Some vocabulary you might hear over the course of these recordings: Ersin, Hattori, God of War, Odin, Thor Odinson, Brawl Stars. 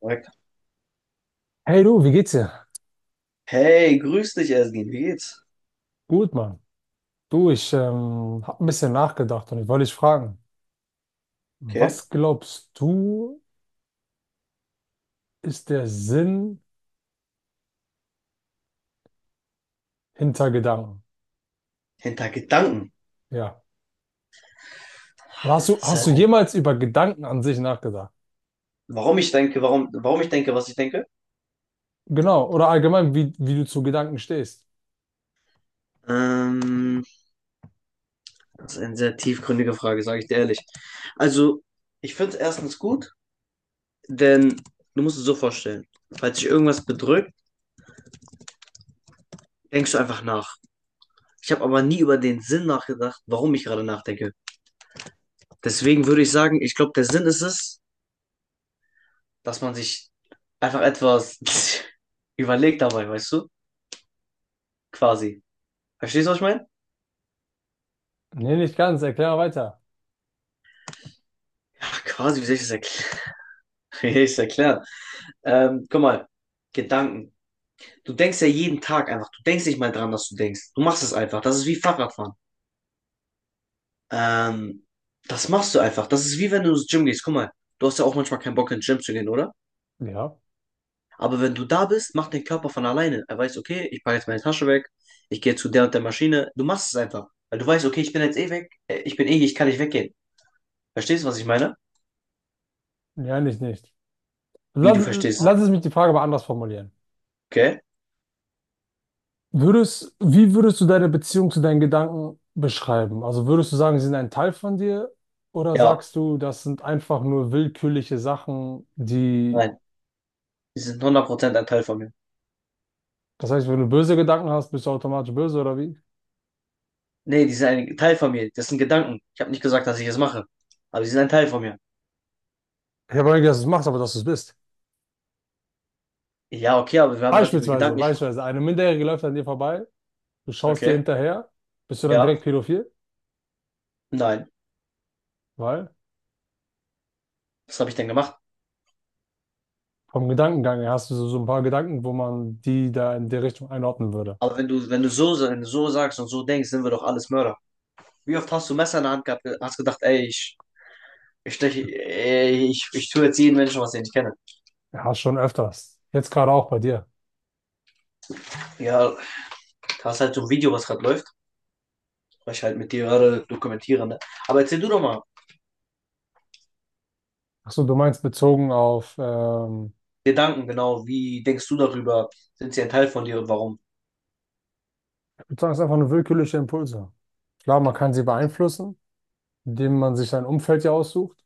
Sagt, Hey du, wie geht's dir? hey, grüß dich, Ersin, wie geht's? Gut, Mann. Du, ich habe ein bisschen nachgedacht und ich wollte dich fragen, Okay. was glaubst du, ist der Sinn hinter Gedanken? Hinter Gedanken. Ja. Oder hast du, Das hast du heißt, jemals über Gedanken an sich nachgedacht? warum ich denke, warum ich denke, was ich denke? Genau. Oder allgemein, wie du zu Gedanken stehst? Ähm, das ist eine sehr tiefgründige Frage, sage ich dir ehrlich. Also, ich finde es erstens gut, denn du musst es so vorstellen, falls dich irgendwas bedrückt, denkst du einfach nach. Ich habe aber nie über den Sinn nachgedacht, warum ich gerade nachdenke. Deswegen würde ich sagen, ich glaube, der Sinn ist es, dass man sich einfach etwas überlegt dabei, weißt du? Quasi. Verstehst du, was ich meine? Nee, nicht ganz. Erklär mal weiter. Ach, quasi, wie soll ich das erklären? Wie soll ich das erklären? Guck mal, Gedanken. Du denkst ja jeden Tag einfach. Du denkst nicht mal dran, dass du denkst. Du machst es einfach. Das ist wie Fahrradfahren. Ähm, das machst du einfach. Das ist wie wenn du ins Gym gehst. Guck mal, du hast ja auch manchmal keinen Bock, ins Gym zu gehen, oder? Ja. Aber wenn du da bist, macht dein Körper von alleine. Er weiß, okay, ich packe jetzt meine Tasche weg. Ich gehe zu der und der Maschine. Du machst es einfach. Weil du weißt, okay, ich bin jetzt eh weg. Ich bin eh hier, ich kann nicht weggehen. Verstehst du, was ich meine? Ja, nicht. Wie du Lass, verstehst. lass es mich die Frage mal anders formulieren. Okay? Würdest, wie würdest du deine Beziehung zu deinen Gedanken beschreiben? Also würdest du sagen, sie sind ein Teil von dir oder Ja, sagst du, das sind einfach nur willkürliche Sachen, die, nein. Die sind 100% ein Teil von mir. das heißt, wenn du böse Gedanken hast, bist du automatisch böse oder wie? Nee, die sind ein Teil von mir. Das sind Gedanken. Ich habe nicht gesagt, dass ich es mache. Aber sie sind ein Teil von mir. Ich habe nicht, dass du es machst, aber dass du es bist. Ja, okay, aber wir haben gerade über Beispielsweise, Gedanken gesprochen. beispielsweise, eine Minderjährige läuft an dir vorbei, du schaust dir Okay. hinterher, bist du dann Ja. direkt pädophil? Nein. Weil Was habe ich denn gemacht? vom Gedankengang her hast du so, so ein paar Gedanken, wo man die da in die Richtung einordnen würde. Aber wenn du so sagst und so denkst, sind wir doch alles Mörder. Wie oft hast du Messer in der Hand gehabt, hast gedacht, ey, ich steche, ey, ich tue jetzt jeden Menschen, was ich nicht kenne. Ja, schon öfters. Jetzt gerade auch bei dir. Ja, da hast halt so ein Video, was gerade läuft, was ich halt mit dir gerade dokumentiere, ne? Aber erzähl du doch mal Ach so, du meinst bezogen auf, Gedanken, genau, wie denkst du darüber? Sind sie ein Teil von dir und warum? ich würde sagen, es sind einfach nur willkürliche Impulse. Klar, man kann sie beeinflussen, indem man sich sein Umfeld ja aussucht.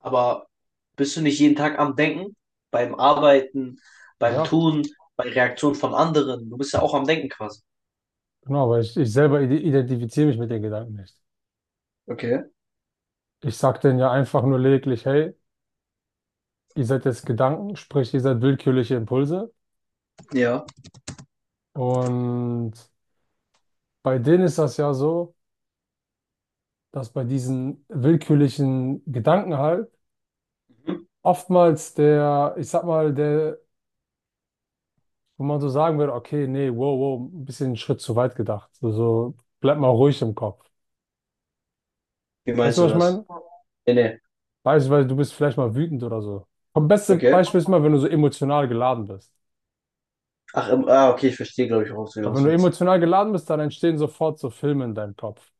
Aber bist du nicht jeden Tag am Denken? Beim Arbeiten, beim Ja, Tun, bei Reaktionen von anderen. Du bist ja auch am Denken quasi. genau, aber ich selber ide- identifiziere mich mit den Gedanken nicht. Okay. Ich sage denen ja einfach nur lediglich, hey, ihr seid jetzt Gedanken, sprich, ihr seid willkürliche Impulse. Ja. Und bei denen ist das ja so, dass bei diesen willkürlichen Gedanken halt Mhm. oftmals der, ich sag mal, der wo man so sagen würde, okay, nee, wow, ein bisschen einen Schritt zu weit gedacht. So, so bleib mal ruhig im Kopf. Wie Weißt meinst du, du was ich das? meine? Nee, nee. Beispielsweise, du bist vielleicht mal wütend oder so. Das beste Okay. Beispiel ist mal, wenn du so emotional geladen bist. Ach, ah, okay, ich verstehe, glaube ich, worauf du Weil wenn hinaus du willst. emotional geladen bist, dann entstehen sofort so Filme in deinem Kopf.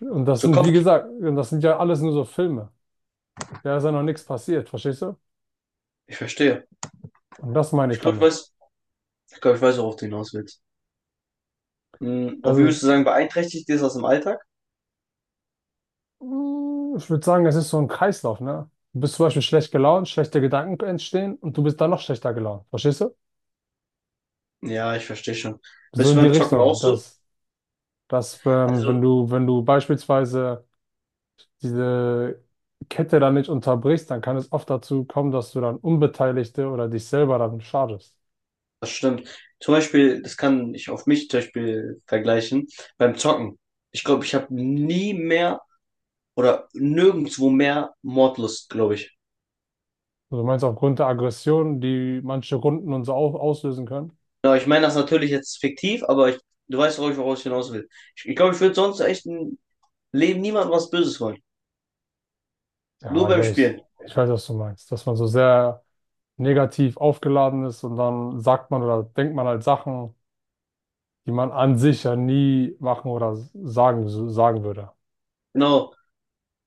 Und das So sind, wie Kopf, gesagt, und das sind ja alles nur so Filme. Da ist ja noch nichts passiert, verstehst du? ich verstehe. Und das meine Ich ich glaube, ich damit. weiß, ich glaube, ich weiß, worauf du hinaus willst. Hm, Das und wie ist, würdest du sagen, beeinträchtigt dir das im Alltag? Mm, ich würde sagen, es ist so ein Kreislauf, ne? Du bist zum Beispiel schlecht gelaunt, schlechte Gedanken entstehen und du bist dann noch schlechter gelaunt, verstehst du? Ja, ich verstehe schon. So Bist in du die beim Zocken auch Richtung, so? dass, dass wenn, wenn Also, du, wenn du beispielsweise diese Kette dann nicht unterbrichst, dann kann es oft dazu kommen, dass du dann Unbeteiligte oder dich selber dann schadest. das stimmt. Zum Beispiel, das kann ich auf mich zum Beispiel vergleichen, beim Zocken. Ich glaube, ich habe nie mehr oder nirgendwo mehr Mordlust, glaube ich. Also du meinst aufgrund der Aggression, die manche Runden und so au- auslösen können? Ja, ich meine das natürlich jetzt fiktiv, aber ich, du weißt, worauf ich hinaus will. Ich glaube, ich würde sonst echt im Leben niemandem was Böses wollen. Nur Ja, beim Spielen. ich weiß, was du meinst, dass man so sehr negativ aufgeladen ist und dann sagt man oder denkt man halt Sachen, die man an sich ja nie machen oder sagen, so, sagen würde. Genau.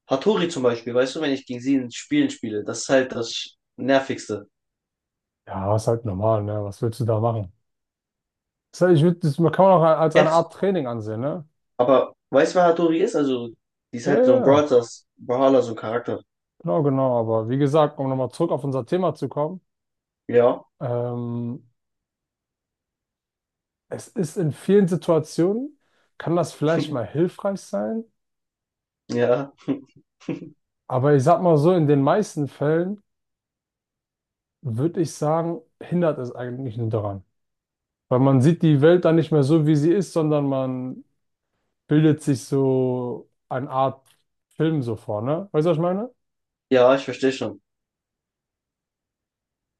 Hattori zum Beispiel, weißt du, wenn ich gegen sie in Spielen spiele, das ist halt das Nervigste. Ja, ist halt normal, ne? Was willst du da machen? Das heißt, ich würd, das, man kann man auch als eine Kennst, Art Training ansehen, ne? aber weißt du, wer Hattori ist? Also, die ist Ja, halt ja, so ein Brawl ja, Stars, Brawler, so ein Charakter. genau, genau. Aber wie gesagt, um nochmal zurück auf unser Thema zu kommen, Ja, ähm, es ist in vielen Situationen, kann das vielleicht mal hilfreich sein, ja. aber ich sag mal so, in den meisten Fällen würde ich sagen, hindert es eigentlich nur daran. Weil man sieht die Welt dann nicht mehr so, wie sie ist, sondern man bildet sich so eine Art Film so vor, ne? Weißt du, was ich meine? Ja, ich verstehe schon.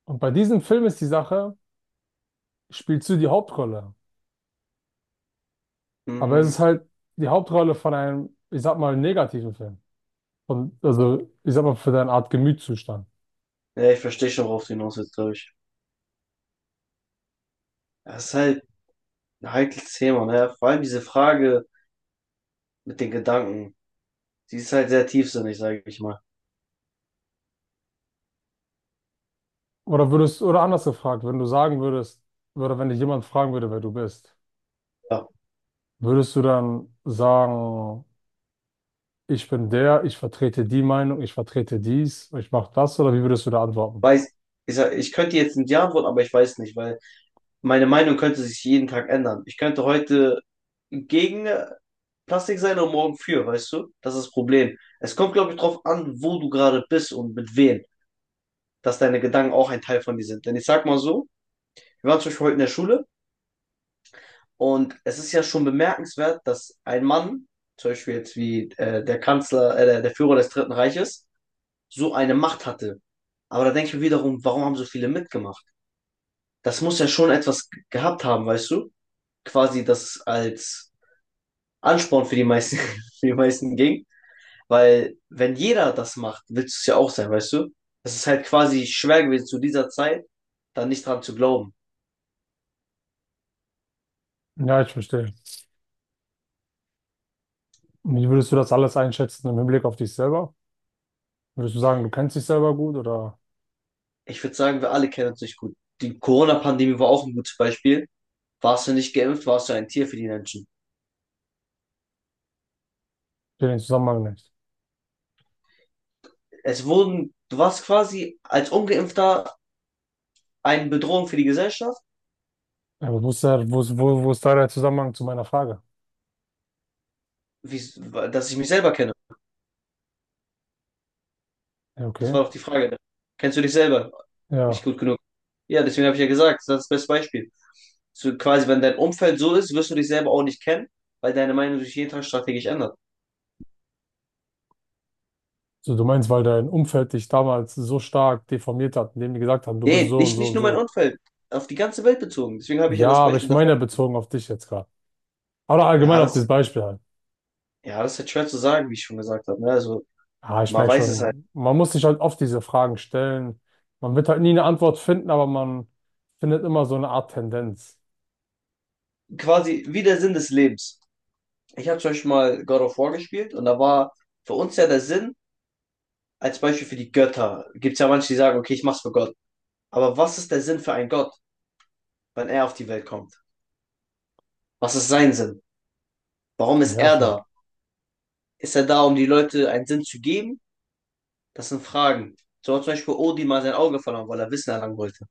Und bei diesem Film ist die Sache, spielst du die Hauptrolle? Aber es ist Hm, halt die Hauptrolle von einem, ich sag mal, negativen Film. Und also, ich sag mal, für deine Art Gemütszustand. ja, ich verstehe schon, worauf du hinaus willst, glaube ich. Das ist halt ein heikles Thema, ne? Vor allem diese Frage mit den Gedanken. Die ist halt sehr tiefsinnig, sage ich mal. Oder würdest, oder anders gefragt, wenn du sagen würdest, oder wenn dich jemand fragen würde, wer du bist, Ja, würdest du dann sagen, ich bin der, ich vertrete die Meinung, ich vertrete dies, ich mache das, oder wie würdest du da antworten? weiß, ich, sag, ich könnte jetzt nicht Ja antworten, aber ich weiß nicht, weil meine Meinung könnte sich jeden Tag ändern. Ich könnte heute gegen Plastik sein und morgen für, weißt du? Das ist das Problem. Es kommt, glaube ich, drauf an, wo du gerade bist und mit wem, dass deine Gedanken auch ein Teil von dir sind. Denn ich sag mal so, wir waren zum Beispiel heute in der Schule. Und es ist ja schon bemerkenswert, dass ein Mann, zum Beispiel jetzt wie der Kanzler, der Führer des Dritten Reiches, so eine Macht hatte. Aber da denke ich mir wiederum, warum haben so viele mitgemacht? Das muss ja schon etwas gehabt haben, weißt du? Quasi das als Ansporn für die meisten, für die meisten ging. Weil wenn jeder das macht, willst du es ja auch sein, weißt du? Es ist halt quasi schwer gewesen zu dieser Zeit, da nicht dran zu glauben. Ja, ich verstehe. Und wie würdest du das alles einschätzen im Hinblick auf dich selber? Würdest du sagen, du kennst dich selber gut oder Ich würde sagen, wir alle kennen uns nicht gut. Die Corona-Pandemie war auch ein gutes Beispiel, warst du nicht geimpft, warst du ein Tier für die Menschen. den Zusammenhang nicht? Es wurden, du warst quasi als Ungeimpfter eine Bedrohung für die Gesellschaft, Ja, aber wo ist der, wo ist, wo, wo ist da der Zusammenhang zu meiner Frage? wie, dass ich mich selber kenne. Ja, Das okay. war doch die Frage. Kennst du dich selber nicht Ja, gut genug? Ja, deswegen habe ich ja gesagt, das ist das beste Beispiel. So, quasi, wenn dein Umfeld so ist, wirst du dich selber auch nicht kennen, weil deine Meinung sich jeden Tag strategisch ändert. so du meinst, weil dein Umfeld dich damals so stark deformiert hat, indem die gesagt haben, du bist Nee, so und nicht, so nicht und nur mein so. Umfeld, auf die ganze Welt bezogen. Deswegen habe ich ja Ja, das aber Beispiel ich meine davor. ja bezogen auf dich jetzt gerade. Oder allgemein Ja, auf das, dieses Beispiel halt. ja, das ist halt schwer zu sagen, wie ich schon gesagt habe. Ne? Also, Ah, ich man merke weiß es halt. schon, man muss sich halt oft diese Fragen stellen. Man wird halt nie eine Antwort finden, aber man findet immer so eine Art Tendenz Quasi wie der Sinn des Lebens. Ich habe zum Beispiel mal God of War gespielt und da war für uns ja der Sinn, als Beispiel für die Götter, gibt es ja manche, die sagen, okay, ich mach's für Gott. Aber was ist der Sinn für einen Gott, wenn er auf die Welt kommt? Was ist sein Sinn? Warum zu ist er beherrschen. da? Ist er da, um die Leute einen Sinn zu geben? Das sind Fragen. So hat zum Beispiel Odin mal sein Auge verloren, weil er Wissen erlangen wollte.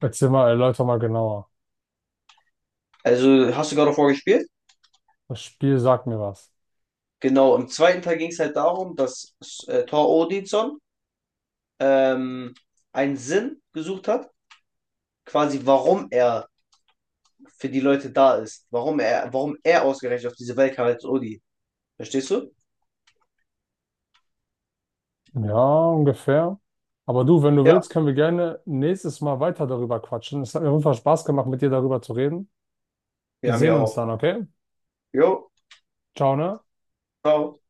Erzähl mal, erläuter mal genauer. Also hast du God of War gespielt? Das Spiel sagt mir was. Genau, im zweiten Teil ging es halt darum, dass Thor Odinson ähm, einen Sinn gesucht hat, quasi warum er für die Leute da ist. Warum er ausgerechnet auf diese Welt kam als Odi. Verstehst du? Ja, ungefähr. Aber du, wenn du Ja, willst, können wir gerne nächstes Mal weiter darüber quatschen. Es hat mir auf jeden Fall Spaß gemacht, mit dir darüber zu reden. wir Wir haben ja sehen uns auch. dann, okay? Jo, Ciao, ne? ciao.